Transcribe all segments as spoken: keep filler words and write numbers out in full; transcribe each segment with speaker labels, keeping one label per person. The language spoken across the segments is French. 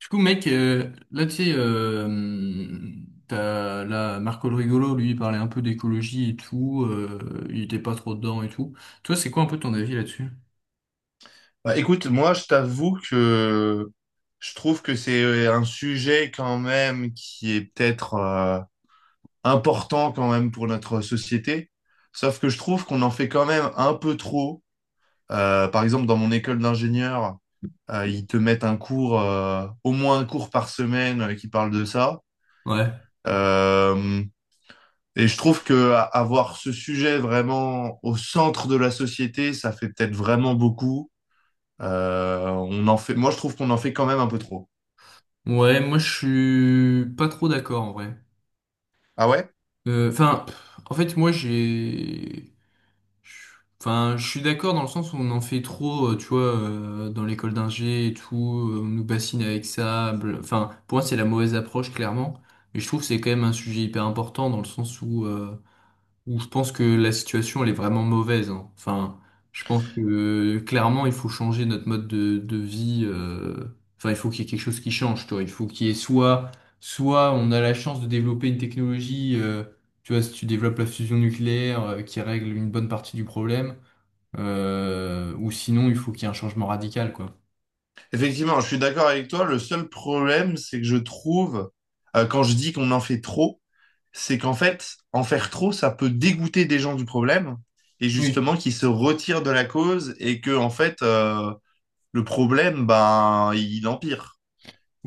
Speaker 1: Du coup, mec, euh, là, tu sais, euh, t'as, là, Marco le Rigolo, lui, il parlait un peu d'écologie et tout, euh, il était pas trop dedans et tout. Toi, c'est quoi un peu ton avis là-dessus?
Speaker 2: Bah, écoute, moi, je t'avoue que je trouve que c'est euh, un sujet quand même qui est peut-être euh, important quand même pour notre société. Sauf que je trouve qu'on en fait quand même un peu trop. Euh, par exemple, dans mon école d'ingénieur, euh, ils te mettent un cours, euh, au moins un cours par semaine euh, qui parle de ça.
Speaker 1: Ouais.
Speaker 2: Euh, et je trouve que a- avoir ce sujet vraiment au centre de la société, ça fait peut-être vraiment beaucoup. Euh, on en fait... Moi, je trouve qu'on en fait quand même un peu trop.
Speaker 1: Ouais, moi, je suis pas trop d'accord, en vrai.
Speaker 2: Ah ouais?
Speaker 1: Euh, Enfin, en fait, moi, j'ai... Enfin, je suis d'accord dans le sens où on en fait trop, euh, tu vois, euh, dans l'école d'ingé et tout, euh, on nous bassine avec ça. bl- Enfin, pour moi, c'est la mauvaise approche, clairement. Mais je trouve que c'est quand même un sujet hyper important dans le sens où... euh, où je pense que la situation elle est vraiment mauvaise, hein. Enfin, je pense que clairement il faut changer notre mode de, de vie. euh, Enfin, il faut qu'il y ait quelque chose qui change, toi. Il faut qu'il y ait soit, soit on a la chance de développer une technologie. Euh, tu vois, si tu développes la fusion nucléaire euh, qui règle une bonne partie du problème, euh, ou sinon il faut qu'il y ait un changement radical, quoi.
Speaker 2: Effectivement, je suis d'accord avec toi. Le seul problème, c'est que je trouve, euh, quand je dis qu'on en fait trop, c'est qu'en fait, en faire trop, ça peut dégoûter des gens du problème et
Speaker 1: Oui.
Speaker 2: justement qu'ils se retirent de la cause et que, en fait, euh, le problème, ben, il empire.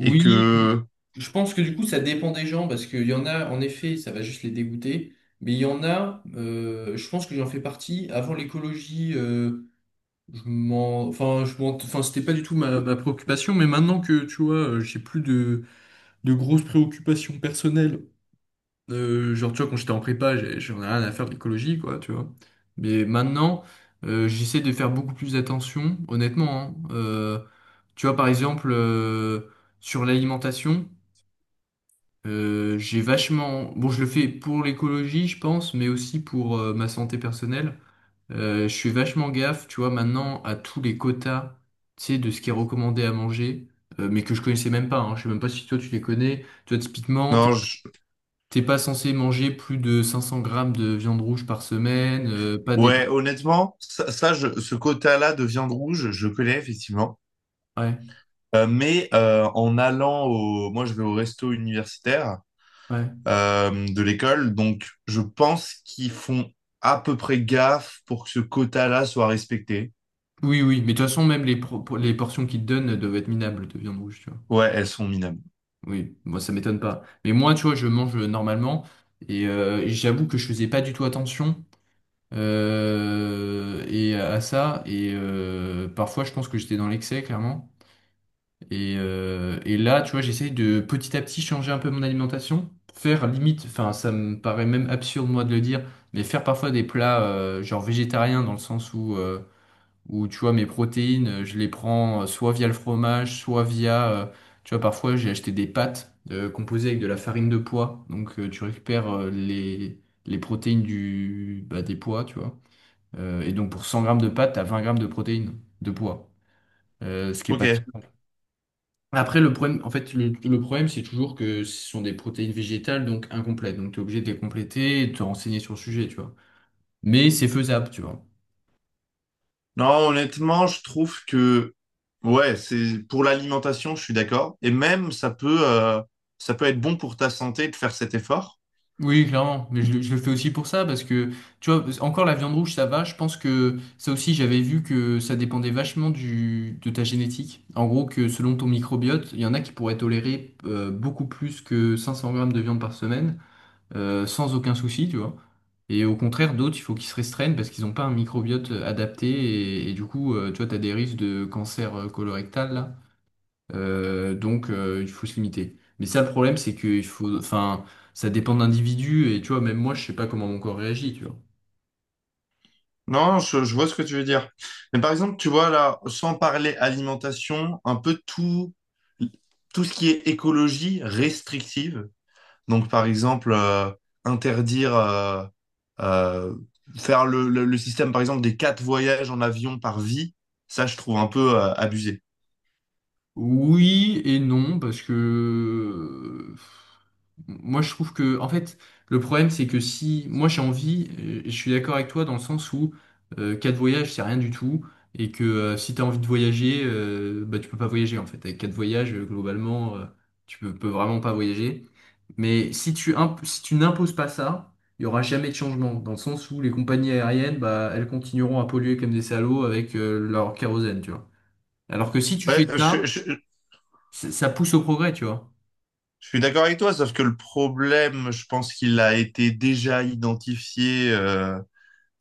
Speaker 2: Et que,
Speaker 1: je pense que du coup, ça dépend des gens, parce qu'il y en a, en effet, ça va juste les dégoûter, mais il y en a, euh, je pense que j'en fais partie. Avant l'écologie, euh, je m'en, enfin, je m'en, enfin, c'était pas du tout ma, ma préoccupation, mais maintenant que, tu vois, euh, j'ai plus de, de grosses préoccupations personnelles, euh, genre, tu vois, quand j'étais en prépa, j'ai- j'en ai rien à faire de l'écologie, quoi, tu vois. Mais maintenant, euh, j'essaie de faire beaucoup plus attention, honnêtement, hein. Euh, tu vois, par exemple, euh, sur l'alimentation. Euh, j'ai vachement... Bon, je le fais pour l'écologie, je pense, mais aussi pour euh, ma santé personnelle. Euh, je fais vachement gaffe, tu vois, maintenant à tous les quotas, tu sais, de ce qui est recommandé à manger, euh, mais que je connaissais même pas, hein. Je sais même pas si toi tu les connais. Tu vois, typiquement, t'es
Speaker 2: non, je-
Speaker 1: t'es pas censé manger plus de cinq cents grammes de viande rouge par semaine, euh, pas des...
Speaker 2: ouais, honnêtement, ça, ça, je- ce quota-là de viande rouge, je connais effectivement.
Speaker 1: Ouais,
Speaker 2: Euh, mais euh, en allant au... Moi, je vais au resto universitaire
Speaker 1: ouais.
Speaker 2: euh, de l'école, donc je pense qu'ils font à peu près gaffe pour que ce quota-là soit respecté.
Speaker 1: Oui, oui, mais de toute façon, même les, pro- les portions qu'ils te donnent doivent être minables de viande rouge, tu vois.
Speaker 2: Ouais, elles sont minables.
Speaker 1: Oui, moi ça m'étonne pas. Mais moi, tu vois, je mange euh, normalement et euh, j'avoue que je faisais pas du tout attention euh, et à ça et euh, parfois je pense que j'étais dans l'excès clairement. Et, euh, et là, tu vois, j'essaye de petit à petit changer un peu mon alimentation, faire limite, enfin ça me paraît même absurde moi de le dire, mais faire parfois des plats euh, genre végétariens dans le sens où euh, ou tu vois mes protéines, euh, je les prends euh, soit via le fromage, soit via, euh, tu vois, parfois j'ai acheté des pâtes euh, composées avec de la farine de pois, donc euh, tu récupères euh, les, les protéines du, bah, des pois, tu vois. Euh, et donc pour cent grammes de pâtes, t'as vingt grammes de protéines de pois, Euh, ce qui est pas si
Speaker 2: Ok.
Speaker 1: mal. Après, le problème, en fait, le, le problème, c'est toujours que ce sont des protéines végétales, donc incomplètes. Donc, tu es obligé de les compléter et de te renseigner sur le sujet, tu vois. Mais c'est faisable, tu vois.
Speaker 2: Non, honnêtement, je trouve que... Ouais, c'est pour l'alimentation, je suis d'accord. Et même, ça peut, euh, ça peut être bon pour ta santé de faire cet effort.
Speaker 1: Oui, clairement, mais je, le je le fais aussi pour ça parce que tu vois, encore la viande rouge, ça va. Je pense que ça aussi, j'avais vu que ça dépendait vachement du, de ta génétique. En gros, que selon ton microbiote, il y en a qui pourraient tolérer euh, beaucoup plus que cinq cents grammes de viande par semaine euh, sans aucun souci, tu vois. Et au contraire, d'autres, il faut qu'ils se restreignent parce qu'ils n'ont pas un microbiote adapté et, et du coup, euh, tu vois, tu as des risques de cancer euh, colorectal là. Euh, donc euh, il faut se limiter. Mais ça, le problème, c'est que il faut, enfin, ça dépend d'individus et tu vois, même moi, je sais pas comment mon corps réagit, tu vois.
Speaker 2: Non, je, je vois ce que tu veux dire. Mais par exemple, tu vois là, sans parler alimentation, un peu tout, tout ce qui est écologie restrictive. Donc par exemple, euh, interdire, euh, euh, faire le, le- le système par exemple des quatre voyages en avion par vie, ça je trouve un peu euh, abusé.
Speaker 1: Oui et non, parce que euh, moi je trouve que en fait le problème c'est que si moi j'ai envie, et je suis d'accord avec toi dans le sens où euh, quatre voyages c'est rien du tout et que euh, si t'as envie de voyager, euh, bah tu peux pas voyager en fait avec quatre voyages euh, globalement euh, tu peux, peux vraiment pas voyager. Mais si tu imp- si tu n'imposes pas ça, il y aura jamais de changement dans le sens où les compagnies aériennes bah elles continueront à polluer comme des salauds avec euh, leur kérosène, tu vois. Alors que si tu
Speaker 2: Ouais,
Speaker 1: fais
Speaker 2: je,
Speaker 1: ça
Speaker 2: je-
Speaker 1: c'est- ça pousse au progrès, tu vois.
Speaker 2: je suis d'accord avec toi, sauf que le problème, je pense qu'il a été déjà identifié. euh,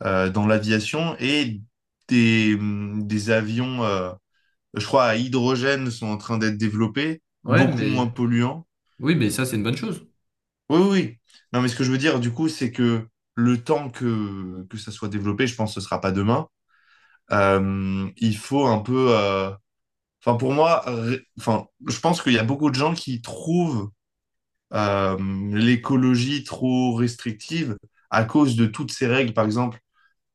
Speaker 2: euh, Dans l'aviation et des, hum, des avions, euh, je crois, à hydrogène sont en train d'être développés,
Speaker 1: Ouais,
Speaker 2: beaucoup moins
Speaker 1: mais
Speaker 2: polluants.
Speaker 1: oui, mais ça, c'est une bonne chose.
Speaker 2: Oui, oui. Oui. Non, mais ce que je veux dire, du coup, c'est que le temps que, que ça soit développé, je pense que ce sera pas demain, euh, il faut un peu... euh, Enfin, pour moi, ré- enfin, je pense qu'il y a beaucoup de gens qui trouvent euh, l'écologie trop restrictive à cause de toutes ces règles, par exemple.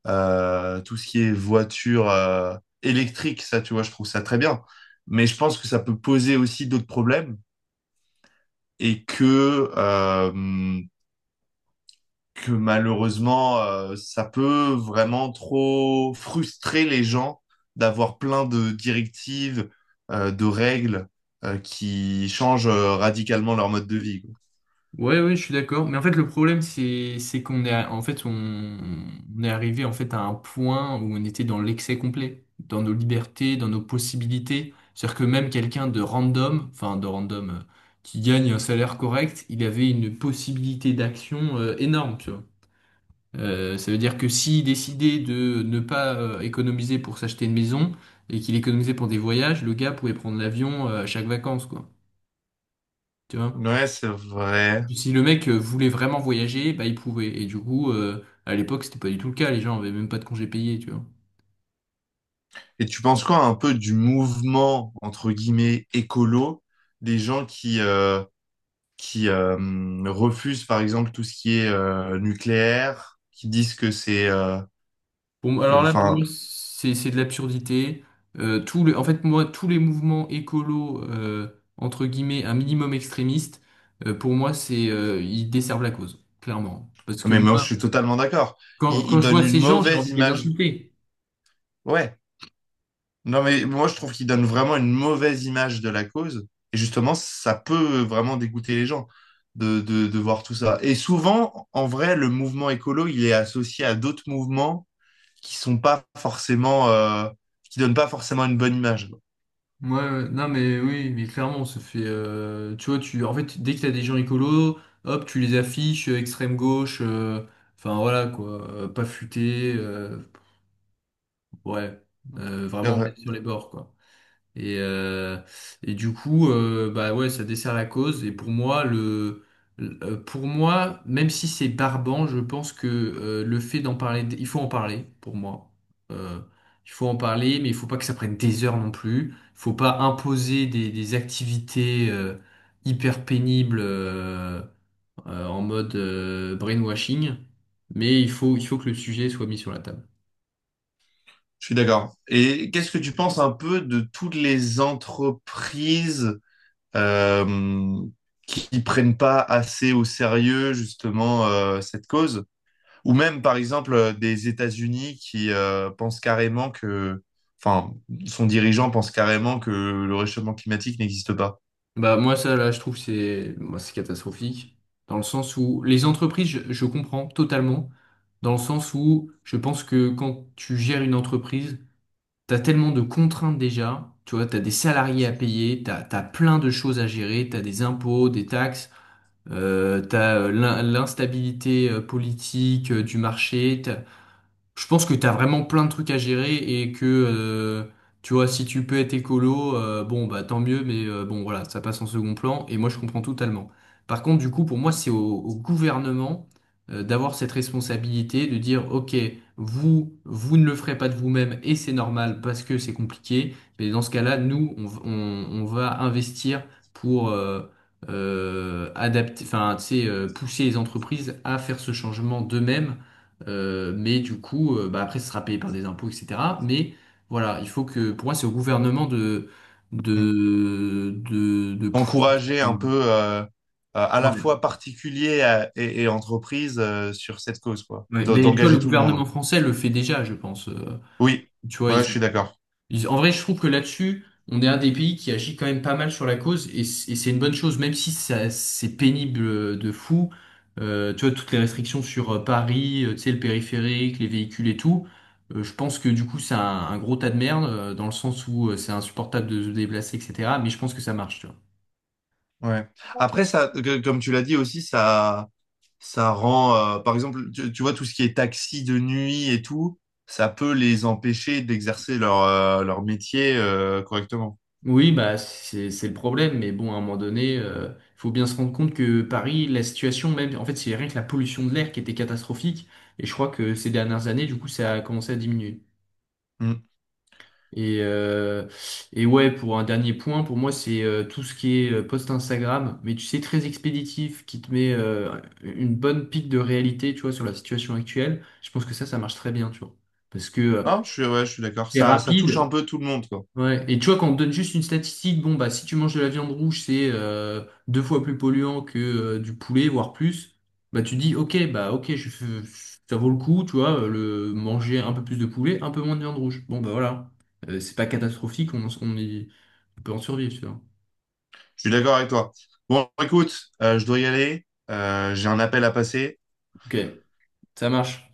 Speaker 2: Euh, tout ce qui est voiture euh, électrique, ça, tu vois, je trouve ça très bien. Mais je pense que ça peut poser aussi d'autres problèmes et que, euh, que malheureusement, euh, ça peut vraiment trop frustrer les gens d'avoir plein de directives, euh, de règles, euh, qui changent euh, radicalement leur mode de vie. Quoi.
Speaker 1: Ouais, ouais, je suis d'accord. Mais en fait, le problème, c'est, c'est qu'on est, à- en fait, on, on est arrivé en fait à un point où on était dans l'excès complet, dans nos libertés, dans nos possibilités. C'est-à-dire que même quelqu'un de random, enfin de random, euh, qui gagne un salaire correct, il avait une possibilité d'action euh, énorme, tu vois. Euh, ça veut dire que s'il décidait de ne pas euh, économiser pour s'acheter une maison et qu'il économisait pour des voyages, le gars pouvait prendre l'avion euh, à chaque vacances, quoi. Tu vois?
Speaker 2: Ouais, c'est vrai.
Speaker 1: Si le mec euh, voulait vraiment voyager, bah il pouvait. Et du coup, euh, à l'époque, c'était pas du tout le cas. Les gens avaient même pas de congés payés, tu vois.
Speaker 2: Et tu penses quoi un peu du mouvement, entre guillemets, écolo, des gens qui, euh, qui euh, refusent par exemple tout ce qui est euh, nucléaire, qui disent que c'est euh,
Speaker 1: Pour moi-
Speaker 2: que
Speaker 1: alors là, pour moi,
Speaker 2: enfin
Speaker 1: c'est c'est de l'absurdité. Euh, tout le, en fait, moi, tous les mouvements écolos, euh, entre guillemets, un minimum extrémiste, euh, pour moi, c'est, euh, ils desservent la cause, clairement. Parce que
Speaker 2: mais moi je
Speaker 1: moi,
Speaker 2: suis totalement d'accord.
Speaker 1: Quand,
Speaker 2: Ils,
Speaker 1: quand
Speaker 2: ils
Speaker 1: je
Speaker 2: donnent
Speaker 1: vois
Speaker 2: une
Speaker 1: ces gens, j'ai
Speaker 2: mauvaise
Speaker 1: envie de les
Speaker 2: image.
Speaker 1: insulter.
Speaker 2: Ouais. Non mais moi je trouve qu'ils donnent vraiment une mauvaise image de la cause et justement ça peut vraiment dégoûter les gens de, de, de voir tout ça. Et souvent en vrai le mouvement écolo, il est associé à d'autres mouvements qui sont pas forcément euh, qui donnent pas forcément une bonne image.
Speaker 1: Ouais, ouais. Non mais oui, mais clairement, ça fait, euh, tu vois, tu, en fait, dès que t'as des gens écolos, hop, tu les affiches, euh, extrême gauche, euh, enfin voilà quoi, euh, pas futé, euh, ouais, euh, vraiment
Speaker 2: Euh,
Speaker 1: bête sur les bords quoi. Et, euh, et du coup, euh, bah ouais, ça dessert la cause. Et pour moi, le, le- euh, pour moi, même si c'est barbant, je pense que euh, le fait d'en parler, il faut en parler, pour moi. Euh, il faut en parler, mais il faut pas que ça prenne des heures non plus. Il faut pas imposer des, des activités euh, hyper pénibles euh, euh, en mode euh, brainwashing. Mais il faut, il faut que le sujet soit mis sur la table.
Speaker 2: Je suis d'accord. Et qu'est-ce que tu penses un peu de toutes les entreprises euh, qui ne prennent pas assez au sérieux justement euh, cette cause? Ou même par exemple euh, des États-Unis qui euh, pensent carrément que, enfin, son dirigeant pense carrément que le réchauffement climatique n'existe pas.
Speaker 1: Bah moi ça là je trouve que c'est moi, c'est catastrophique dans le sens où les entreprises je, je comprends totalement dans le sens où je pense que quand tu gères une entreprise t'as tellement de contraintes déjà tu vois t'as des salariés à payer t'as t'as plein de choses à gérer t'as des impôts des taxes euh, t'as euh, l'in- l'instabilité euh, politique euh, du marché je pense que t'as vraiment plein de trucs à gérer et que euh, tu vois, si tu peux être écolo, euh, bon bah tant mieux, mais euh, bon voilà, ça passe en second plan et moi je comprends totalement. Par contre, du coup, pour moi, c'est au, au gouvernement euh, d'avoir cette responsabilité de dire, ok, vous, vous ne le ferez pas de vous-même et c'est normal parce que c'est compliqué, mais dans ce cas-là, nous, on, v- on- on va investir pour euh, euh, adapter, enfin, tu sais, euh, pousser les entreprises à faire ce changement d'eux-mêmes euh, mais du coup, euh, bah après, ce sera payé par des impôts, et cetera. Mais voilà, il faut que, pour moi, c'est au gouvernement de,
Speaker 2: Mm.
Speaker 1: de, de, de pousser.
Speaker 2: Encourager un
Speaker 1: Enfin,
Speaker 2: peu euh, à à la
Speaker 1: Ouais.
Speaker 2: fois particuliers à- et, et entreprises euh, sur cette cause, quoi.
Speaker 1: Ouais.
Speaker 2: D'en-
Speaker 1: Mais tu vois, le
Speaker 2: D'engager tout le
Speaker 1: gouvernement
Speaker 2: monde.
Speaker 1: français le fait déjà, je pense. Euh,
Speaker 2: Oui,
Speaker 1: tu vois,
Speaker 2: moi
Speaker 1: ils
Speaker 2: je suis d'accord.
Speaker 1: Ils- en vrai, je trouve que là-dessus, on est un des pays qui agit quand même pas mal sur la cause et c- et c'est une bonne chose, même si ça- c'est pénible euh, de fou. Euh, tu vois, toutes les restrictions sur euh, Paris, euh, tu sais, le périphérique, les véhicules et tout. Euh, je pense que du coup, c'est un, un gros tas de merde euh, dans le sens où euh, c'est insupportable de se déplacer, et cetera. Mais je pense que ça marche, tu vois.
Speaker 2: Ouais. Après, ça, que- comme tu l'as dit aussi, ça, ça rend, euh, par exemple, tu, tu vois, tout ce qui est taxi de nuit et tout, ça peut les empêcher d'exercer leur, euh, leur métier, euh, correctement.
Speaker 1: Oui, bah c'est c'est le problème, mais bon, à un moment donné, euh, faut bien se rendre compte que Paris, la situation même, en fait, c'est rien que la pollution de l'air qui était catastrophique, et je crois que ces dernières années, du coup, ça a commencé à diminuer.
Speaker 2: Mm.
Speaker 1: Et, euh, et ouais, pour un dernier point, pour moi, c'est euh, tout ce qui est euh, post Instagram, mais tu sais, très expéditif, qui te met euh, une bonne pique de réalité, tu vois, sur la situation actuelle. Je pense que ça, ça marche très bien, tu vois. Parce que euh,
Speaker 2: Non, je suis, ouais, je suis d'accord.
Speaker 1: c'est
Speaker 2: Ça, ça touche un
Speaker 1: rapide,
Speaker 2: peu tout le monde, quoi.
Speaker 1: ouais, et tu vois, quand on te donne juste une statistique, bon, bah, si tu manges de la viande rouge, c'est euh, deux fois plus polluant que euh, du poulet, voire plus, bah, tu dis, ok, bah, ok, je, je- ça vaut le coup, tu vois, euh, le manger un peu plus de poulet, un peu moins de viande rouge. Bon, bah, voilà. Euh, c'est pas catastrophique, on, en- on, y- on peut en survivre, tu vois.
Speaker 2: Je suis d'accord avec toi. Bon, écoute, euh, je dois y aller. Euh, j'ai un appel à passer.
Speaker 1: Ok, ça marche.